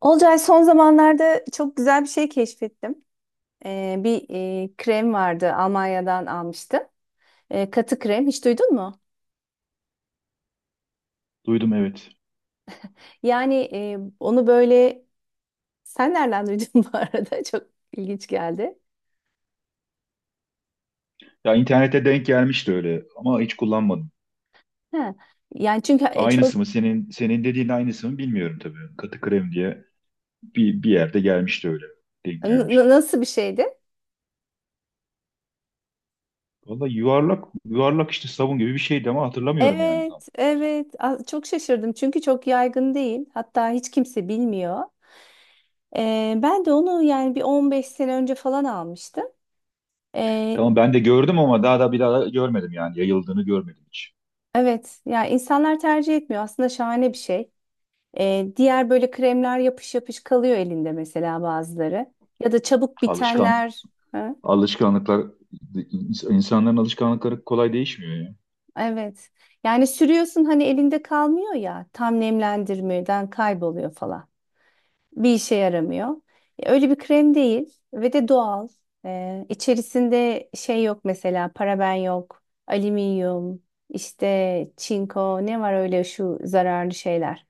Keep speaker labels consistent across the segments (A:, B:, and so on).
A: Olcay son zamanlarda çok güzel bir şey keşfettim. Bir krem vardı Almanya'dan almıştım. Katı krem hiç duydun mu?
B: Duydum, evet.
A: Yani, onu böyle sen nereden duydun bu arada? Çok ilginç geldi.
B: Ya internette denk gelmişti öyle ama hiç kullanmadım.
A: Ha. Yani çünkü çok
B: Aynısı mı senin dediğin aynısı mı bilmiyorum tabii. Katı krem diye bir yerde gelmişti öyle. Denk gelmişti.
A: Nasıl bir şeydi?
B: Vallahi yuvarlak yuvarlak işte sabun gibi bir şeydi ama hatırlamıyorum yani tam.
A: Evet, evet. Çok şaşırdım çünkü çok yaygın değil. Hatta hiç kimse bilmiyor. Ben de onu yani bir 15 sene önce falan almıştım. Ee,
B: Tamam ben de gördüm ama daha da görmedim, yani yayıldığını görmedim hiç.
A: Evet, ya insanlar tercih etmiyor. Aslında şahane bir şey. Diğer böyle kremler yapış yapış kalıyor elinde mesela bazıları. Ya da çabuk
B: Alışkan
A: bitenler. Ha?
B: alışkanlıklar insanların alışkanlıkları kolay değişmiyor ya.
A: Evet. Yani sürüyorsun hani elinde kalmıyor ya. Tam nemlendirmeden kayboluyor falan. Bir işe yaramıyor. Öyle bir krem değil ve de doğal. İçerisinde şey yok mesela paraben yok, alüminyum, işte çinko ne var öyle şu zararlı şeyler.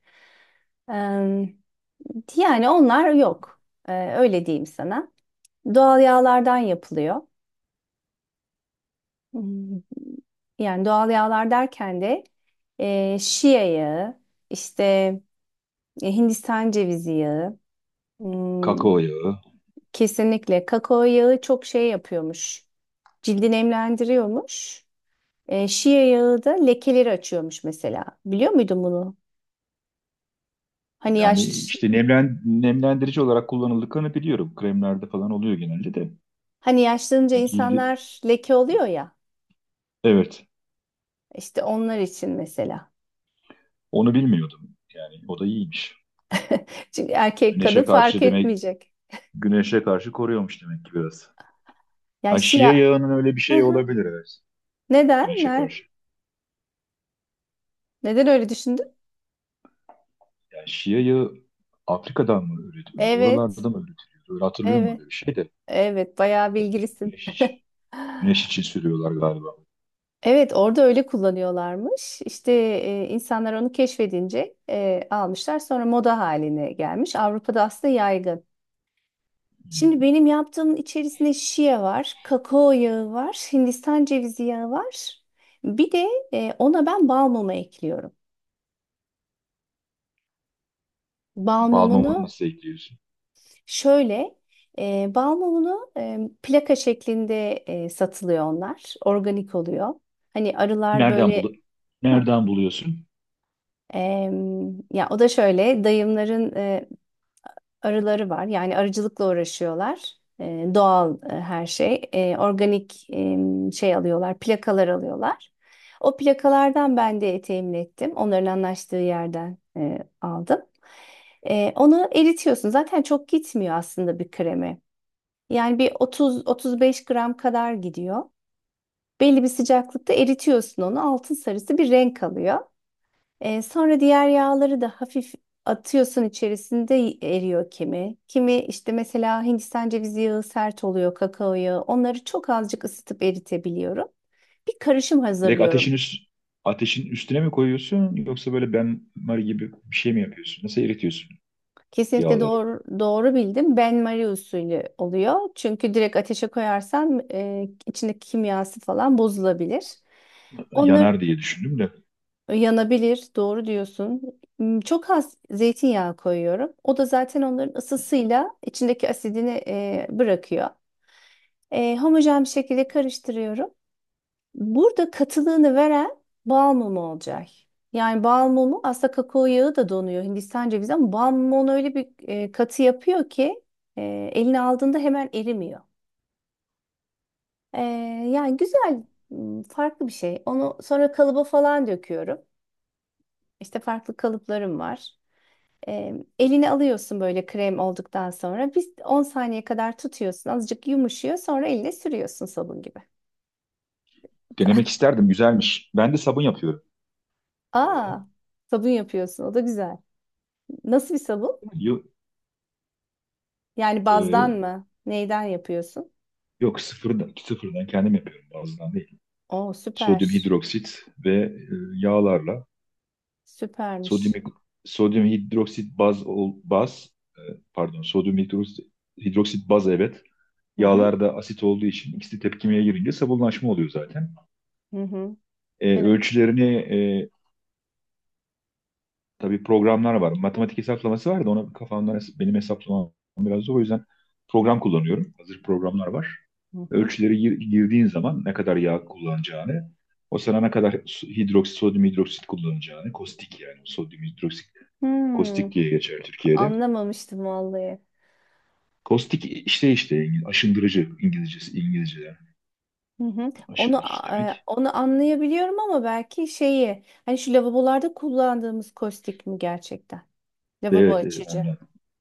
A: Yani onlar yok. Öyle diyeyim sana. Doğal yağlardan yapılıyor. Hmm, Yani doğal yağlar derken de şia yağı, işte Hindistan cevizi yağı, hmm,
B: Kakao yağı.
A: kesinlikle kakao yağı çok şey yapıyormuş. Cildi nemlendiriyormuş. Şia yağı da lekeleri açıyormuş mesela. Biliyor muydun bunu? Hani
B: Yani
A: yaş
B: işte nemlendirici olarak kullanıldıklarını biliyorum. Kremlerde falan oluyor genelde de.
A: Hani yaşlanınca
B: Cildi,
A: insanlar leke oluyor ya.
B: evet,
A: İşte onlar için mesela.
B: onu bilmiyordum. Yani o da iyiymiş.
A: Çünkü erkek kadın
B: Güneşe
A: fark
B: karşı demek,
A: etmeyecek.
B: güneşe karşı koruyormuş demek ki biraz.
A: Yani
B: Ha, şia
A: Şia.
B: yağının öyle bir
A: Hı
B: şey
A: hı.
B: olabilir, evet.
A: Neden?
B: Güneşe karşı.
A: Neden öyle düşündün?
B: Yani şia yağı Afrika'dan mı üretiliyor?
A: Evet.
B: Oralardan mı üretiliyor? Öyle hatırlıyorum,
A: Evet.
B: öyle bir şey de.
A: Evet. Bayağı bilgilisin.
B: Güneş için, güneş için sürüyorlar galiba.
A: Evet, orada öyle kullanıyorlarmış. İşte insanlar onu keşfedince almışlar. Sonra moda haline gelmiş. Avrupa'da aslında yaygın. Şimdi benim yaptığımın içerisinde şia var, kakao yağı var, Hindistan cevizi yağı var. Bir de ona ben bal mumu ekliyorum. Bal
B: Bal
A: mumunu
B: mumunu nasıl ekliyorsun?
A: Şöyle, bal mumunu plaka şeklinde satılıyor onlar. Organik oluyor. Hani arılar
B: Nereden bulu
A: böyle, hı,
B: nereden buluyorsun?
A: ya o da şöyle dayımların arıları var. Yani arıcılıkla uğraşıyorlar. Doğal her şey. Organik, şey alıyorlar, plakalar alıyorlar. O plakalardan ben de temin ettim. Onların anlaştığı yerden aldım. Onu eritiyorsun. Zaten çok gitmiyor aslında bir kremi. Yani bir 30-35 gram kadar gidiyor. Belli bir sıcaklıkta eritiyorsun onu. Altın sarısı bir renk alıyor. Sonra diğer yağları da hafif atıyorsun, içerisinde eriyor kimi. Kimi işte mesela Hindistan cevizi yağı sert oluyor, kakao yağı. Onları çok azıcık ısıtıp eritebiliyorum. Bir karışım
B: Direkt ateşin
A: hazırlıyorum.
B: üst ateşin üstüne mi koyuyorsun, yoksa böyle benmari gibi bir şey mi yapıyorsun? Nasıl eritiyorsun
A: Kesinlikle
B: yağları?
A: doğru, doğru bildim. Ben Marie usulü oluyor. Çünkü direkt ateşe koyarsan içindeki kimyası falan bozulabilir. Onlar
B: Yanar diye düşündüm de.
A: Yanabilir, doğru diyorsun. Çok az zeytinyağı koyuyorum. O da zaten onların ısısıyla içindeki asidini bırakıyor. Homojen bir şekilde karıştırıyorum. Burada katılığını veren bal mumu olacak. Yani bal mumu aslında kakao yağı da donuyor, Hindistan cevizi, ama bal mumu onu öyle bir katı yapıyor ki eline aldığında hemen erimiyor. E, Yani güzel, farklı bir şey. Onu sonra kalıba falan döküyorum. İşte farklı kalıplarım var. E, Elini alıyorsun böyle krem olduktan sonra. Biz 10 saniye kadar tutuyorsun. Azıcık yumuşuyor. Sonra eline sürüyorsun sabun gibi.
B: Denemek isterdim. Güzelmiş. Ben de sabun yapıyorum bu arada.
A: Aa, sabun yapıyorsun. O da güzel. Nasıl bir sabun?
B: Yok,
A: Yani bazdan mı? Neyden yapıyorsun?
B: yok, sıfırdan, sıfırdan kendim yapıyorum, bazıdan değil.
A: Oo, süper.
B: Sodyum hidroksit ve yağlarla sodyum
A: Süpermiş.
B: sodyum hidroksit baz e, pardon, sodyum hidroksit, hidroksit baz, evet.
A: Hı hı.
B: Yağlarda asit olduğu için ikisi tepkimeye girince sabunlaşma oluyor zaten.
A: Hı hı. Ben
B: Ölçülerini tabii programlar var. Matematik hesaplaması var da ona kafamdan benim hesaplamam biraz zor. O yüzden program kullanıyorum. Hazır programlar var.
A: Hı hı.
B: Girdiğin zaman ne kadar yağ kullanacağını, o sana ne kadar hidroksit, sodyum hidroksit kullanacağını, kostik yani sodyum hidroksit,
A: Hmm,
B: kostik diye geçer Türkiye'de.
A: Anlamamıştım vallahi.
B: Kostik işte işte aşındırıcı İngilizcesi, İngilizceden
A: Hı hı. Onu
B: aşındırıcı
A: e,
B: demek.
A: onu anlayabiliyorum ama belki şeyi hani şu lavabolarda kullandığımız kostik mi gerçekten? Lavabo
B: Evet, evet,
A: açıcı.
B: ondan.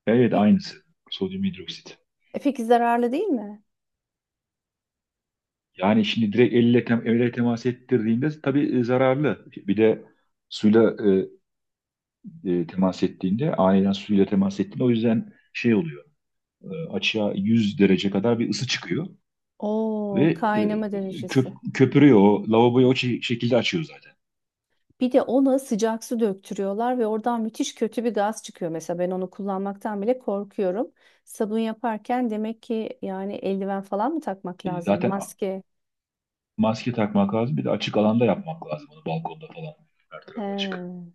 B: Evet,
A: Peki,
B: aynısı. Sodyum hidroksit.
A: zararlı değil mi?
B: Yani şimdi direkt elle, elle temas ettirdiğinde tabii zararlı. Bir de suyla temas ettiğinde, aniden suyla temas ettiğinde, o yüzden şey oluyor. Açığa 100 derece kadar bir ısı çıkıyor. Ve
A: Oo, kaynama derecesi.
B: köpürüyor. O lavaboyu şekilde açıyor zaten.
A: Bir de ona sıcak su döktürüyorlar ve oradan müthiş kötü bir gaz çıkıyor. Mesela ben onu kullanmaktan bile korkuyorum. Sabun yaparken demek ki yani eldiven falan mı takmak lazım?
B: Zaten
A: Maske.
B: maske takmak lazım. Bir de açık alanda yapmak lazım onu. Balkonda falan. Her tarafı açık.
A: He,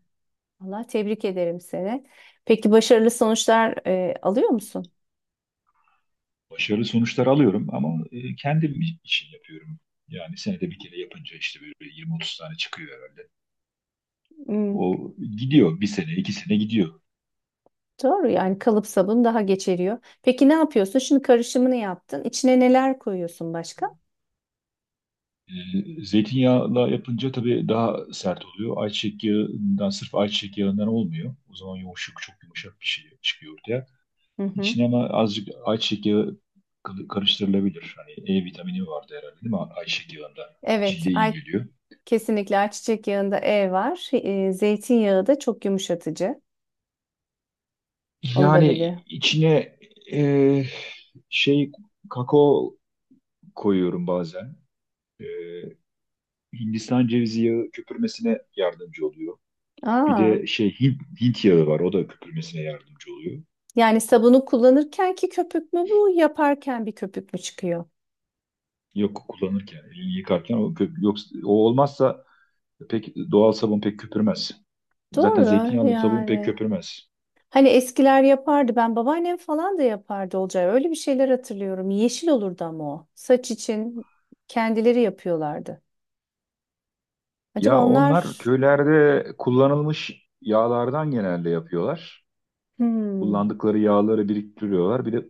A: Allah tebrik ederim seni. Peki başarılı sonuçlar alıyor musun?
B: Başarılı sonuçlar alıyorum ama kendim için yapıyorum. Yani senede bir kere yapınca işte böyle 20-30 tane çıkıyor herhalde.
A: Hmm.
B: O gidiyor. Bir sene, iki sene gidiyor.
A: Doğru yani kalıp sabun daha geç eriyor. Peki ne yapıyorsun? Şimdi karışımını yaptın. İçine neler koyuyorsun başka?
B: Zeytinyağla yapınca tabii daha sert oluyor. Ayçiçek yağından, sırf ayçiçek yağından olmuyor. O zaman yumuşak, çok yumuşak bir şey çıkıyor ortaya.
A: Hı hı.
B: İçine ama azıcık ayçiçek yağı karıştırılabilir. Hani E vitamini vardı herhalde, değil mi? Ayçiçek yağında
A: Evet,
B: cilde iyi geliyor.
A: kesinlikle ayçiçek yağında E var. Zeytinyağı da çok yumuşatıcı. Onu da
B: Yani
A: biliyorum.
B: içine e, şey kakao koyuyorum bazen. E, Hindistan cevizi yağı köpürmesine yardımcı oluyor. Bir
A: Aa,
B: de şey Hint yağı var. O da köpürmesine yardımcı oluyor.
A: yani sabunu kullanırken ki köpük mü bu, yaparken bir köpük mü çıkıyor?
B: Yok, kullanırken, elini yıkarken o, yoksa, o olmazsa pek, doğal sabun pek köpürmez. Zaten
A: Doğru
B: zeytinyağlı sabun pek
A: yani.
B: köpürmez.
A: Hani eskiler yapardı. Ben babaannem falan da yapardı olacağı. Öyle bir şeyler hatırlıyorum. Yeşil olurdu ama o. Saç için kendileri yapıyorlardı. Acaba
B: Ya
A: onlar...
B: onlar köylerde kullanılmış yağlardan genelde yapıyorlar.
A: Hmm,
B: Kullandıkları yağları biriktiriyorlar. Bir de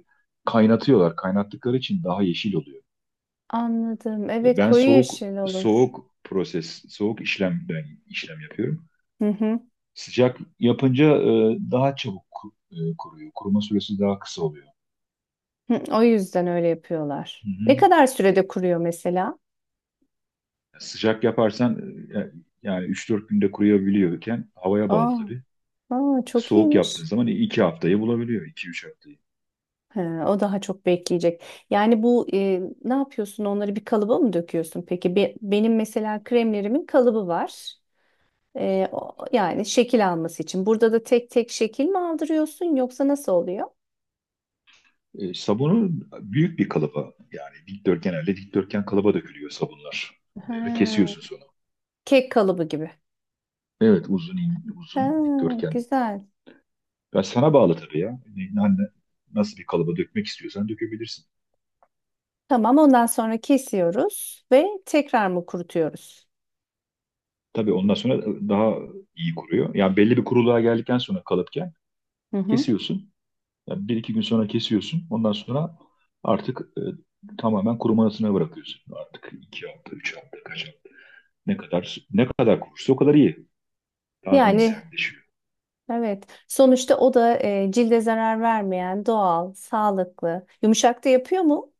B: kaynatıyorlar. Kaynattıkları için daha yeşil oluyor.
A: Anladım. Evet,
B: Ben
A: koyu yeşil olur.
B: soğuk proses, soğuk işlemden işlem yapıyorum.
A: Hı hı.
B: Sıcak yapınca daha çabuk kuruyor. Kuruma süresi daha kısa oluyor.
A: Hı, o yüzden öyle yapıyorlar.
B: Hı
A: Ne
B: hı.
A: kadar sürede kuruyor mesela?
B: Sıcak yaparsan e, yani 3-4 günde kuruyabiliyorken, havaya bağlı
A: Aa,
B: tabii.
A: aa çok
B: Soğuk
A: iyiymiş.
B: yaptığın zaman 2 haftayı bulabiliyor. İki üç haftayı.
A: He, o daha çok bekleyecek. Yani bu ne yapıyorsun? Onları bir kalıba mı döküyorsun? Peki benim mesela kremlerimin kalıbı var. Yani şekil alması için. Burada da tek tek şekil mi aldırıyorsun yoksa nasıl oluyor?
B: Sabunu büyük bir kalıba, yani genelde dikdörtgen kalıba dökülüyor sabunlar.
A: Ha.
B: Kesiyorsun sonra.
A: Kek kalıbı gibi.
B: Evet, uzun
A: Ha,
B: dikdörtgen.
A: güzel.
B: Ben, sana bağlı tabii ya. Nasıl bir kalıba dökmek istiyorsan dökebilirsin.
A: Tamam, ondan sonra kesiyoruz ve tekrar mı kurutuyoruz?
B: Tabii ondan sonra daha iyi kuruyor. Yani belli bir kuruluğa geldikten sonra, kalıpken
A: Hı hı.
B: kesiyorsun. Yani bir iki gün sonra kesiyorsun. Ondan sonra artık tamamen kurumasına bırakıyorsun. Artık iki hafta, üç hafta, kaç hafta. Ne kadar kurursa o kadar iyi. Daha iyi
A: Yani
B: sertleşiyor.
A: evet. Sonuçta o da cilde zarar vermeyen, doğal, sağlıklı. Yumuşak da yapıyor mu?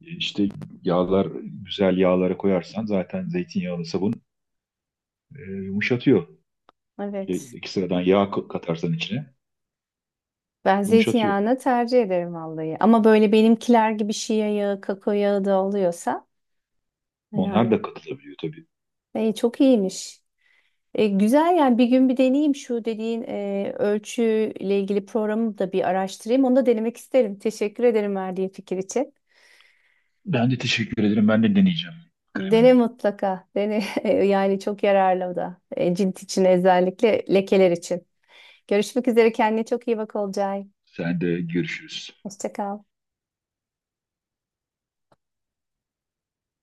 B: İşte yağlar, güzel yağlara koyarsan zaten zeytinyağlı sabun yumuşatıyor.
A: Evet.
B: İki sıradan yağ katarsan içine
A: Ben
B: yumuşatıyor.
A: zeytinyağını tercih ederim vallahi. Ama böyle benimkiler gibi şia yağı, kakao yağı da oluyorsa yani,
B: Onlar da katılabiliyor tabii.
A: çok iyiymiş. Güzel, yani bir gün bir deneyeyim, şu dediğin ölçüyle ilgili programı da bir araştırayım. Onu da denemek isterim. Teşekkür ederim verdiğin fikir için.
B: Ben de teşekkür ederim. Ben de deneyeceğim
A: Dene
B: kremini.
A: mutlaka. Dene yani çok yararlı o da. Cilt için, özellikle lekeler için. Görüşmek üzere, kendine çok iyi bak Olcay.
B: Sen de, görüşürüz.
A: Hoşça kal.